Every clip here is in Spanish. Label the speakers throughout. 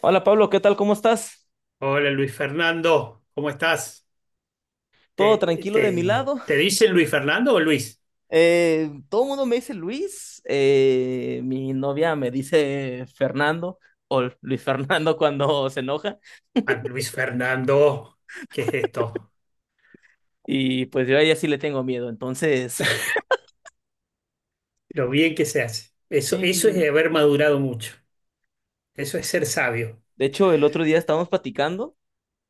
Speaker 1: Hola Pablo, ¿qué tal? ¿Cómo estás?
Speaker 2: Hola Luis Fernando, ¿cómo estás?
Speaker 1: ¿Todo
Speaker 2: ¿Te,
Speaker 1: tranquilo de mi
Speaker 2: te,
Speaker 1: lado?
Speaker 2: te dicen Luis Fernando o Luis?
Speaker 1: Todo el mundo me dice Luis, mi novia me dice Fernando o Luis Fernando cuando se enoja
Speaker 2: Ah, Luis Fernando, ¿qué es esto?
Speaker 1: y pues yo a ella sí le tengo miedo, entonces
Speaker 2: Lo bien que se hace. Eso es
Speaker 1: sí,
Speaker 2: haber madurado mucho. Eso es ser sabio.
Speaker 1: de hecho el otro día estábamos platicando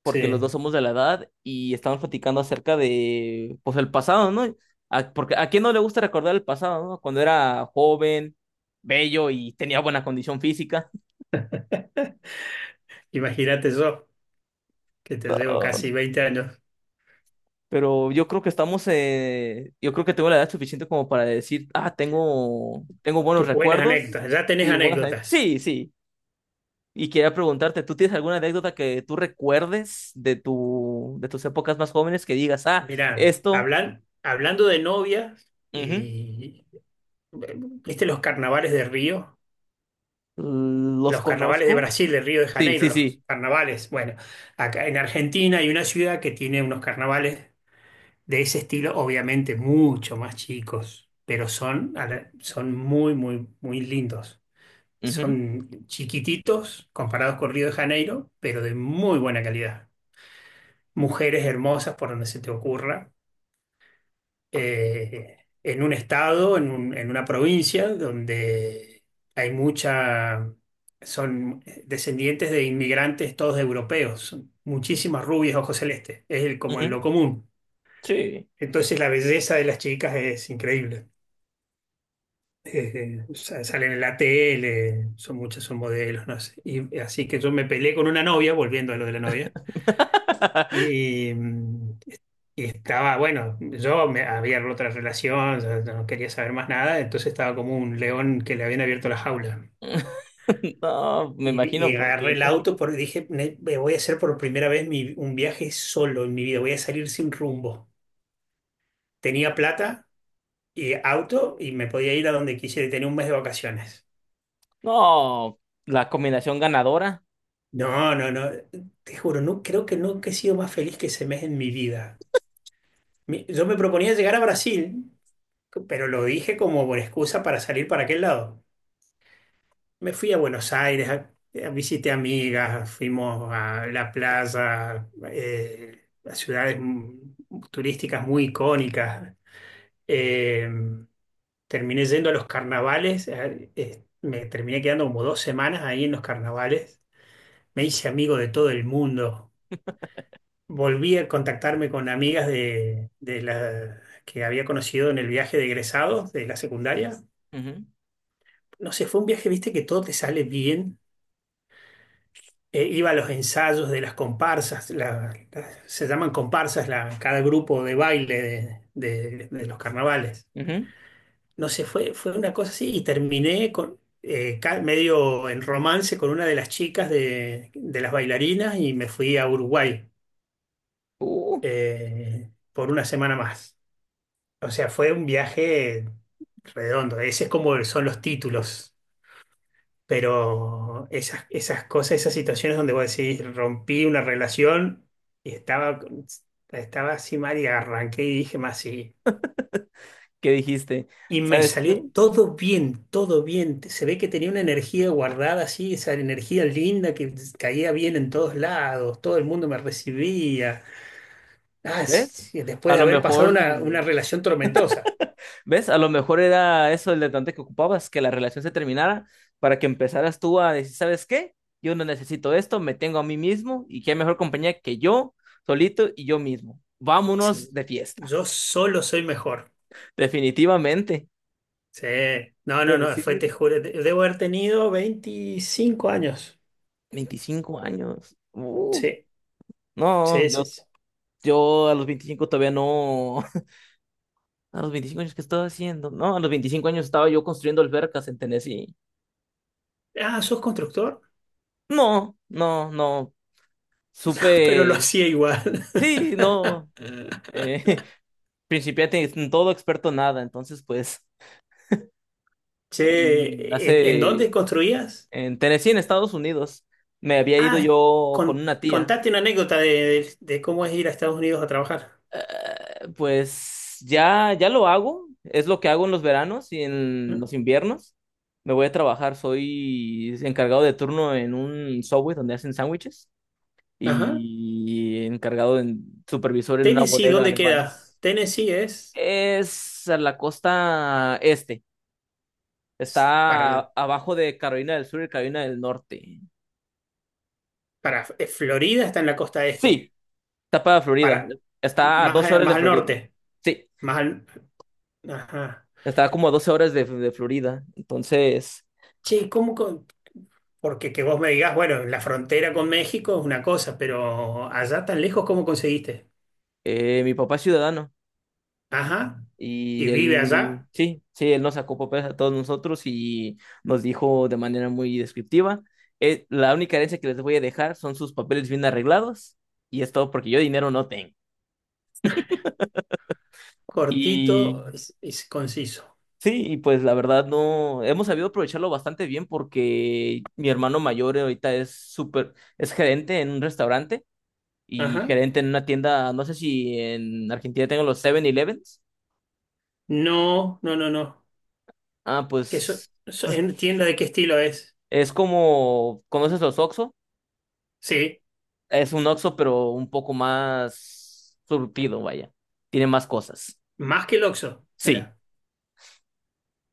Speaker 1: porque los
Speaker 2: Sí.
Speaker 1: dos somos de la edad y estábamos platicando acerca de pues el pasado, ¿no? Porque a quién no le gusta recordar el pasado, ¿no? Cuando era joven, bello y tenía buena condición física.
Speaker 2: Imagínate yo, que te llevo
Speaker 1: No.
Speaker 2: casi veinte años.
Speaker 1: Pero yo creo que estamos, yo creo que tengo la edad suficiente como para decir, ah, tengo buenos
Speaker 2: Tus buenas
Speaker 1: recuerdos.
Speaker 2: anécdotas, ya tenés
Speaker 1: Sí, buenas,
Speaker 2: anécdotas.
Speaker 1: sí, sí. Y quería preguntarte, ¿tú tienes alguna anécdota que tú recuerdes de tus épocas más jóvenes que digas, ah,
Speaker 2: Mirá,
Speaker 1: esto,
Speaker 2: hablando de novias
Speaker 1: ujú,
Speaker 2: y... eh, ¿viste los carnavales de Río?
Speaker 1: los
Speaker 2: Los carnavales de
Speaker 1: conozco?
Speaker 2: Brasil, de Río de
Speaker 1: Sí,
Speaker 2: Janeiro,
Speaker 1: sí, sí.
Speaker 2: los carnavales. Bueno, acá en Argentina hay una ciudad que tiene unos carnavales de ese estilo, obviamente mucho más chicos, pero son, son muy, muy, muy lindos.
Speaker 1: Ujú,
Speaker 2: Son chiquititos comparados con Río de Janeiro, pero de muy buena calidad. Mujeres hermosas por donde se te ocurra, en un estado, en una provincia donde hay mucha, son descendientes de inmigrantes todos europeos, son muchísimas rubias ojos celestes, como en
Speaker 1: ujú,
Speaker 2: lo común.
Speaker 1: sí.
Speaker 2: Entonces la belleza de las chicas es increíble. Salen en la tele, son muchas, son modelos, no sé. Y así que yo me peleé con una novia, volviendo a lo de la novia, y, mm, Y estaba, bueno, yo me había roto otra relación, ya no quería saber más nada, entonces estaba como un león que le habían abierto la jaula.
Speaker 1: No, me
Speaker 2: Y,
Speaker 1: imagino
Speaker 2: y agarré
Speaker 1: porque.
Speaker 2: el auto porque dije, "Ne- me voy a hacer por primera vez un viaje solo en mi vida, voy a salir sin rumbo. Tenía plata y auto y me podía ir a donde quisiera y tenía un mes de vacaciones.
Speaker 1: No, la combinación ganadora.
Speaker 2: No, no, no, te juro, no, creo que nunca he sido más feliz que ese mes en mi vida. Yo me proponía llegar a Brasil, pero lo dije como por excusa para salir para aquel lado. Me fui a Buenos Aires, visité amigas, fuimos a la plaza, a ciudades turísticas muy icónicas. Eh, Terminé yendo a los carnavales, me terminé quedando como dos semanas ahí en los carnavales. Me hice amigo de todo el mundo. Volví a contactarme con amigas que había conocido en el viaje de egresados de la secundaria.
Speaker 1: Ujú,
Speaker 2: No sé, fue un viaje, viste, que todo te sale bien. Iba a los ensayos de las comparsas, se llaman comparsas cada grupo de baile de los carnavales.
Speaker 1: ujú.
Speaker 2: No sé, fue una cosa así y terminé con, medio en romance con una de las chicas de las bailarinas y me fui a Uruguay
Speaker 1: Uh.
Speaker 2: por una semana más. O sea, fue un viaje redondo. Ese es como son los títulos. Pero esas cosas, esas situaciones donde vos decís, rompí una relación y estaba así mal y arranqué y dije más sí.
Speaker 1: Que dijiste,
Speaker 2: Y me
Speaker 1: ¿sabes
Speaker 2: salió
Speaker 1: qué?
Speaker 2: todo bien, todo bien. Se ve que tenía una energía guardada así, esa energía linda que caía bien en todos lados, todo el mundo me recibía. Ah, sí,
Speaker 1: ¿Ves?
Speaker 2: sí, después
Speaker 1: A
Speaker 2: de
Speaker 1: lo
Speaker 2: haber pasado
Speaker 1: mejor,
Speaker 2: una relación tormentosa.
Speaker 1: ¿ves? A lo mejor era eso el detonante que ocupabas, que la relación se terminara para que empezaras tú a decir, ¿sabes qué? Yo no necesito esto, me tengo a mí mismo y qué mejor compañía que yo, solito y yo mismo.
Speaker 2: Sí,
Speaker 1: Vámonos de fiesta.
Speaker 2: yo solo soy mejor.
Speaker 1: Definitivamente.
Speaker 2: Sí, no, no,
Speaker 1: Quiero
Speaker 2: no, fue, te
Speaker 1: decir,
Speaker 2: juro, te- debo haber tenido 25 años.
Speaker 1: 25 años.
Speaker 2: Sí,
Speaker 1: No,
Speaker 2: sí, sí, sí.
Speaker 1: yo a los 25 todavía no. A los 25 años, ¿qué estaba haciendo? No, a los 25 años estaba yo construyendo albercas en Tennessee.
Speaker 2: Ah, ¿sos constructor?
Speaker 1: No, no, no.
Speaker 2: Pero lo
Speaker 1: Supe.
Speaker 2: hacía igual.
Speaker 1: Sí, no. Eh, principiante en todo, experto en nada. Entonces, pues, en-
Speaker 2: Che, en
Speaker 1: hace.
Speaker 2: dónde construías?
Speaker 1: En Tennessee, en Estados Unidos, me había ido
Speaker 2: Ah,
Speaker 1: yo con una tía.
Speaker 2: contate una anécdota de cómo es ir a Estados Unidos a trabajar.
Speaker 1: Pues ya lo hago. Es lo que hago en los veranos y en
Speaker 2: ¿Mm?
Speaker 1: los inviernos. Me voy a trabajar. Soy encargado de turno en un Subway donde hacen sándwiches
Speaker 2: Ajá.
Speaker 1: y encargado en supervisor en una
Speaker 2: Tennessee,
Speaker 1: bodega
Speaker 2: ¿dónde
Speaker 1: de
Speaker 2: queda?
Speaker 1: Vans.
Speaker 2: Tennessee es,
Speaker 1: Es a la costa este.
Speaker 2: es para,
Speaker 1: Está
Speaker 2: el-
Speaker 1: abajo de Carolina del Sur y Carolina del Norte.
Speaker 2: para Florida está en la costa este,
Speaker 1: Sí, está para Florida.
Speaker 2: para,
Speaker 1: Está a
Speaker 2: más,
Speaker 1: 12 horas de
Speaker 2: más al
Speaker 1: Florida.
Speaker 2: norte,
Speaker 1: Sí,
Speaker 2: más al... Ajá.
Speaker 1: está como a 12 horas de Florida. Entonces,
Speaker 2: Che, porque que vos me digas, bueno, la frontera con México es una cosa, pero allá tan lejos, ¿cómo conseguiste?
Speaker 1: mi papá es ciudadano.
Speaker 2: Ajá, y
Speaker 1: Y
Speaker 2: vive
Speaker 1: él,
Speaker 2: allá,
Speaker 1: sí, sí, él nos sacó papeles a todos nosotros y nos dijo de manera muy descriptiva. La única herencia que les voy a dejar son sus papeles bien arreglados. Y es todo porque yo dinero no tengo. Y
Speaker 2: cortito, es conciso.
Speaker 1: sí, y pues la verdad no, hemos sabido aprovecharlo bastante bien porque mi hermano mayor ahorita es súper, es gerente en un restaurante y
Speaker 2: Ajá.
Speaker 1: gerente en una tienda, no sé si en Argentina tengo los Seven Elevens.
Speaker 2: No, no, no, no.
Speaker 1: Ah,
Speaker 2: Que
Speaker 1: pues
Speaker 2: en tienda de qué estilo es.
Speaker 1: es como, ¿conoces los Oxxo?
Speaker 2: Sí,
Speaker 1: Es un Oxxo pero un poco más surtido, vaya, tiene más cosas.
Speaker 2: más que el Oxxo.
Speaker 1: Sí,
Speaker 2: Mirá,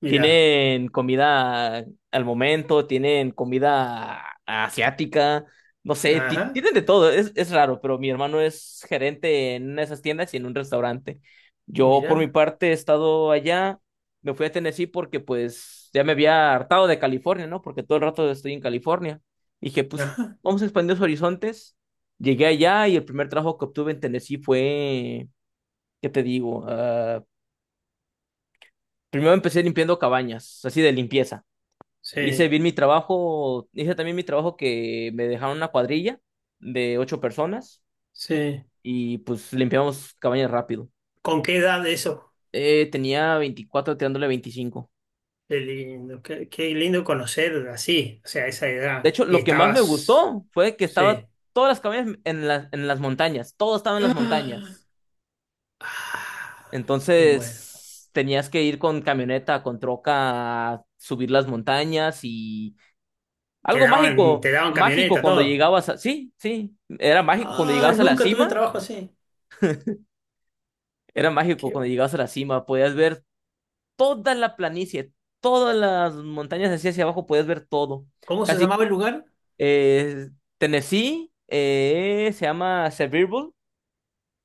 Speaker 2: mirá.
Speaker 1: tienen comida al momento, tienen comida asiática, no sé,
Speaker 2: Ajá,
Speaker 1: tienen de todo, es, raro, pero mi hermano es gerente en una de esas tiendas y en un restaurante. Yo por mi
Speaker 2: mirá.
Speaker 1: parte he estado allá, me fui a Tennessee porque pues ya me había hartado de California, ¿no? Porque todo el rato estoy en California. Y dije, pues
Speaker 2: Ajá.
Speaker 1: vamos a expandir los horizontes. Llegué allá y el primer trabajo que obtuve en Tennessee fue, ¿qué te digo? Ah, primero empecé limpiando cabañas, así de limpieza. Hice
Speaker 2: Sí,
Speaker 1: bien mi trabajo, hice también mi trabajo que me dejaron una cuadrilla de ocho personas
Speaker 2: sí.
Speaker 1: y pues limpiamos cabañas rápido.
Speaker 2: ¿Con qué edad eso?
Speaker 1: Tenía 24 tirándole 25.
Speaker 2: Qué lindo, qué lindo conocer así, o sea, esa
Speaker 1: De
Speaker 2: edad.
Speaker 1: hecho,
Speaker 2: Y
Speaker 1: lo que más me
Speaker 2: estabas,
Speaker 1: gustó fue que estaba
Speaker 2: sí.
Speaker 1: todas las cabañas en las montañas, todo estaba en las montañas.
Speaker 2: Ah, me muero.
Speaker 1: Entonces tenías que ir con camioneta, con troca, a subir las montañas y algo mágico,
Speaker 2: Te daban
Speaker 1: mágico
Speaker 2: camioneta,
Speaker 1: cuando
Speaker 2: todo.
Speaker 1: llegabas a... Sí, sí, era mágico cuando
Speaker 2: Ah,
Speaker 1: llegabas a la
Speaker 2: nunca tuve un
Speaker 1: cima.
Speaker 2: trabajo así.
Speaker 1: Era mágico
Speaker 2: Qué-
Speaker 1: cuando llegabas a la cima, podías ver toda la planicie, todas las montañas así hacia abajo, podías ver todo.
Speaker 2: ¿cómo se
Speaker 1: Casi
Speaker 2: llamaba el lugar?
Speaker 1: eh, Tennessee, se llama Sevierville,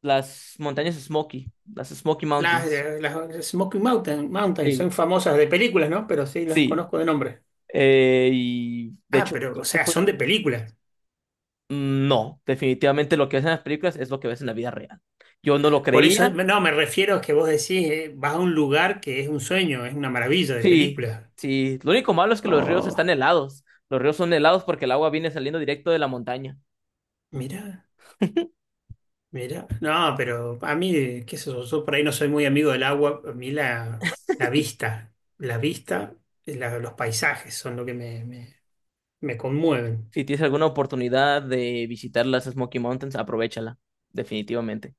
Speaker 1: las montañas Smoky, las Smoky Mountains.
Speaker 2: Las Smoky Mountain,
Speaker 1: Sí.
Speaker 2: son famosas de películas, ¿no? Pero sí, las
Speaker 1: Sí,
Speaker 2: conozco de nombre.
Speaker 1: y de
Speaker 2: Ah,
Speaker 1: hecho
Speaker 2: pero, o
Speaker 1: creo que
Speaker 2: sea, son de películas.
Speaker 1: no, definitivamente lo que ves en las películas es lo que ves en la vida real. Yo no lo
Speaker 2: Por eso,
Speaker 1: creía.
Speaker 2: no, me refiero a que vos decís, vas a un lugar que es un sueño, es una maravilla de
Speaker 1: Sí,
Speaker 2: películas.
Speaker 1: sí. Lo único malo es que los ríos
Speaker 2: Oh,
Speaker 1: están helados. Los ríos son helados porque el agua viene saliendo directo de la montaña.
Speaker 2: mirá. Mira, no, pero a mí, qué sé yo, yo por ahí no soy muy amigo del agua, la vista, los paisajes son lo que me conmueven.
Speaker 1: Si tienes alguna oportunidad de visitar las Smoky Mountains, aprovéchala, definitivamente.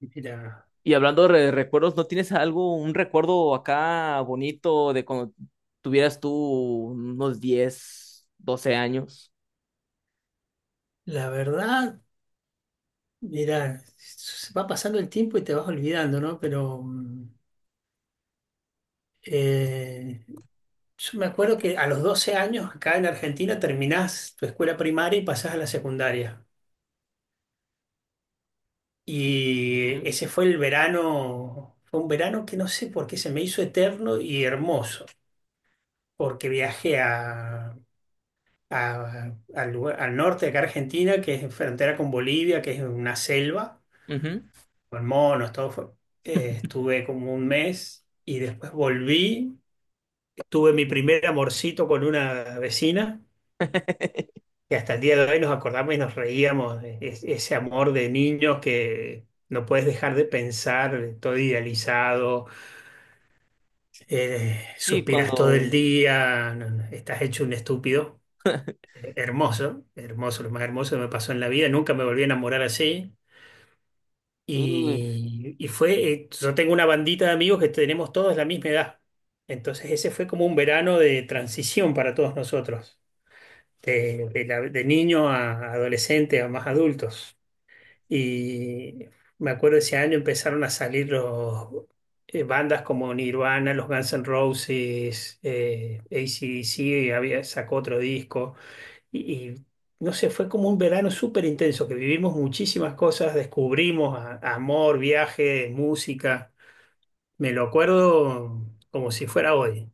Speaker 2: Mira,
Speaker 1: Y hablando de recuerdos, ¿no tienes algo, un recuerdo acá bonito de cuando tuvieras tú unos 10, 12 años?
Speaker 2: la verdad, mira, se va pasando el tiempo y te vas olvidando, ¿no? Pero eh, yo me acuerdo que a los 12 años acá en Argentina terminás tu escuela primaria y pasás a la secundaria.
Speaker 1: Ujú.
Speaker 2: Y ese fue el verano, fue un verano que no sé por qué se me hizo eterno y hermoso, porque viajé al norte de acá Argentina, que es frontera con Bolivia, que es una selva,
Speaker 1: Ujú.
Speaker 2: con monos, todo fue. Estuve como un mes y después volví. Tuve mi primer amorcito con una vecina, que hasta el día de hoy nos acordamos y nos reíamos, de ese amor de niños que no puedes dejar de pensar, todo idealizado.
Speaker 1: Sí,
Speaker 2: Suspiras todo el
Speaker 1: cuando...
Speaker 2: día, no, no, estás hecho un estúpido. Hermoso, hermoso, lo más hermoso que me pasó en la vida. Nunca me volví a enamorar así.
Speaker 1: uy,
Speaker 2: Yo tengo una bandita de amigos que tenemos todos la misma edad. Entonces ese fue como un verano de transición para todos nosotros, de niño a adolescente a más adultos. Y me acuerdo ese año empezaron a salir bandas como Nirvana, los Guns N' Roses, AC/DC, y había, sacó otro disco. Y, y, no sé, fue como un verano súper intenso, que vivimos muchísimas cosas, descubrimos amor, viaje, música. Me lo acuerdo como si fuera hoy.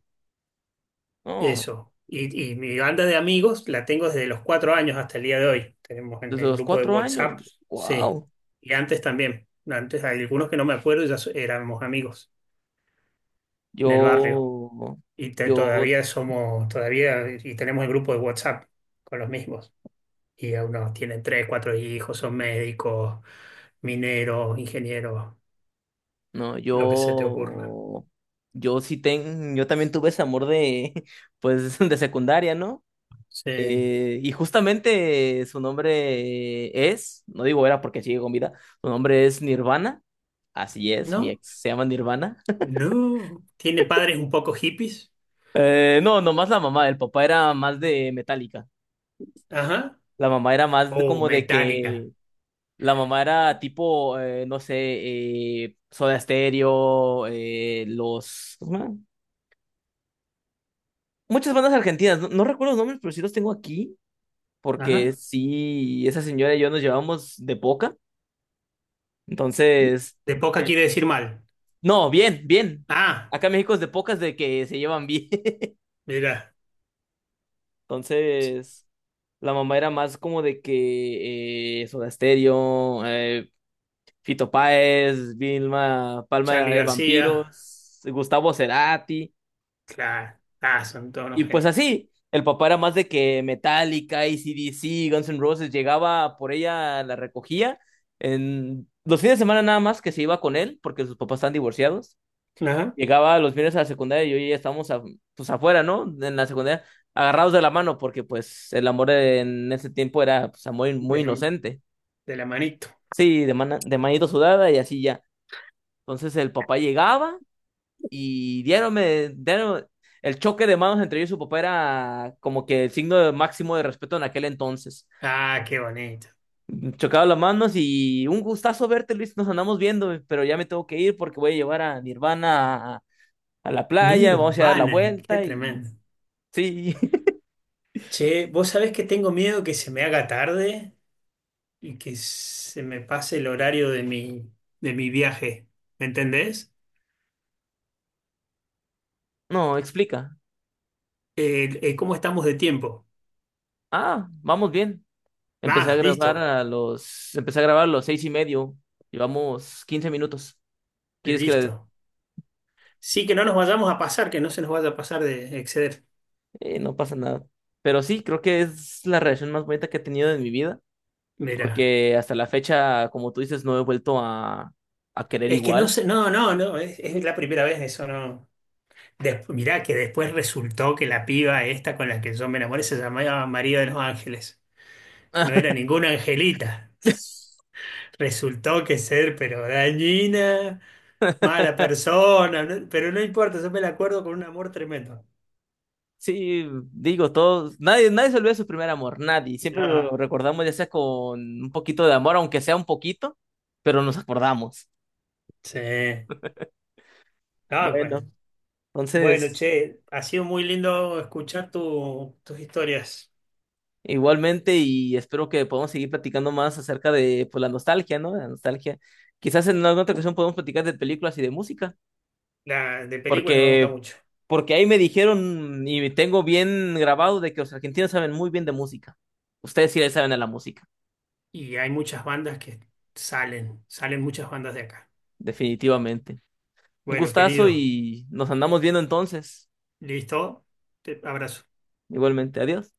Speaker 1: no,
Speaker 2: Eso. Y mi banda de amigos la tengo desde los cuatro años hasta el día de hoy. Tenemos en
Speaker 1: desde
Speaker 2: el
Speaker 1: los
Speaker 2: grupo de
Speaker 1: 4 años.
Speaker 2: WhatsApp, sí.
Speaker 1: Wow.
Speaker 2: Y antes también. Antes hay algunos que no me acuerdo, y ya éramos amigos en el barrio.
Speaker 1: Yo, yo
Speaker 2: Todavía somos, todavía, y tenemos el grupo de WhatsApp con los mismos. Y a unos tienen tres, cuatro hijos, son médicos, mineros, ingenieros,
Speaker 1: no,
Speaker 2: lo que se te ocurra.
Speaker 1: yo también tuve ese amor de, pues, de secundaria, ¿no?
Speaker 2: Sí.
Speaker 1: Y justamente su nombre es, no digo era porque sigue con vida, su nombre es Nirvana, así es, mi
Speaker 2: ¿No?
Speaker 1: ex se llama Nirvana.
Speaker 2: No. ¿Tiene padres un poco hippies?
Speaker 1: No, nomás la mamá, el papá era más de Metallica,
Speaker 2: Ajá.
Speaker 1: la mamá era más
Speaker 2: Oh,
Speaker 1: como de
Speaker 2: metálica.
Speaker 1: que, la mamá era tipo, no sé, Soda Stereo, muchas bandas argentinas, no, no recuerdo los nombres, pero sí los tengo aquí, porque
Speaker 2: Ajá.
Speaker 1: sí, esa señora y yo nos llevamos de poca. Entonces,
Speaker 2: De poca quiere decir mal.
Speaker 1: no, bien, bien.
Speaker 2: Ah,
Speaker 1: Acá en México es de pocas de que se llevan bien.
Speaker 2: mira,
Speaker 1: Entonces, la mamá era más como de que Soda Stereo, Fito Páez, Vilma, Palma
Speaker 2: Charlie
Speaker 1: de
Speaker 2: García.
Speaker 1: Vampiros, Gustavo Cerati.
Speaker 2: Claro. Ah, son todos
Speaker 1: Y
Speaker 2: unos
Speaker 1: pues
Speaker 2: genios.
Speaker 1: así, el papá era más de que Metallica, CDC Guns N' Roses, llegaba por ella, la recogía. En los fines de semana nada más que se iba con él, porque sus papás están divorciados.
Speaker 2: Ajá.
Speaker 1: Llegaba los viernes a la secundaria y yo y ella estábamos pues afuera, ¿no? En la secundaria, agarrados de la mano, porque pues el amor en ese tiempo era pues, amor muy
Speaker 2: De,
Speaker 1: inocente.
Speaker 2: de la manito.
Speaker 1: Sí, de manito sudada y así ya. Entonces el papá llegaba y el choque de manos entre yo y su papá era como que el signo de máximo de respeto en aquel entonces.
Speaker 2: Ah, qué bonito.
Speaker 1: Chocaba las manos y un gustazo verte, Luis. Nos andamos viendo, pero ya me tengo que ir porque voy a llevar a mi hermana a la playa, vamos a dar la
Speaker 2: Nirvana, qué
Speaker 1: vuelta y
Speaker 2: tremendo.
Speaker 1: sí.
Speaker 2: Che, vos sabés que tengo miedo que se me haga tarde y que se me pase el horario de mi viaje. ¿Me entendés?
Speaker 1: No, explica.
Speaker 2: ¿Cómo estamos de tiempo?
Speaker 1: Ah, vamos bien.
Speaker 2: Ah, listo,
Speaker 1: Empecé a grabar a los 6:30. Llevamos 15 minutos. ¿Quieres que le...
Speaker 2: listo. Sí, que no nos vayamos a pasar, que no se nos vaya a pasar de exceder.
Speaker 1: no pasa nada. Pero sí, creo que es la relación más bonita que he tenido en mi vida.
Speaker 2: Mira.
Speaker 1: Porque hasta la fecha, como tú dices, no he vuelto a querer
Speaker 2: Es que no
Speaker 1: igual.
Speaker 2: sé, no, no, no, es la primera vez, eso no. Des- mirá que después resultó que la piba esta con la que yo me enamoré se llamaba María de los Ángeles. No era ninguna angelita. Resultó que ser, pero dañina, mala persona, no- pero no importa, yo me la acuerdo con un amor tremendo.
Speaker 1: Sí, digo, todos, nadie, nadie se olvida de su primer amor, nadie. Siempre
Speaker 2: Ah,
Speaker 1: lo recordamos ya sea con un poquito de amor, aunque sea un poquito, pero nos acordamos.
Speaker 2: sí. Ah,
Speaker 1: Bueno,
Speaker 2: bueno. Bueno,
Speaker 1: entonces,
Speaker 2: che, ha sido muy lindo escuchar tus historias.
Speaker 1: igualmente y espero que podamos seguir platicando más acerca de pues, la nostalgia, ¿no? La nostalgia. Quizás en alguna otra ocasión podemos platicar de películas y de música.
Speaker 2: La de películas me gusta
Speaker 1: Porque,
Speaker 2: mucho.
Speaker 1: porque ahí me dijeron y tengo bien grabado de que los argentinos saben muy bien de música. Ustedes sí le saben a la música,
Speaker 2: Y hay muchas bandas que salen muchas bandas de acá.
Speaker 1: definitivamente. Un
Speaker 2: Bueno,
Speaker 1: gustazo
Speaker 2: querido,
Speaker 1: y nos andamos viendo entonces.
Speaker 2: listo. Te abrazo.
Speaker 1: Igualmente, adiós.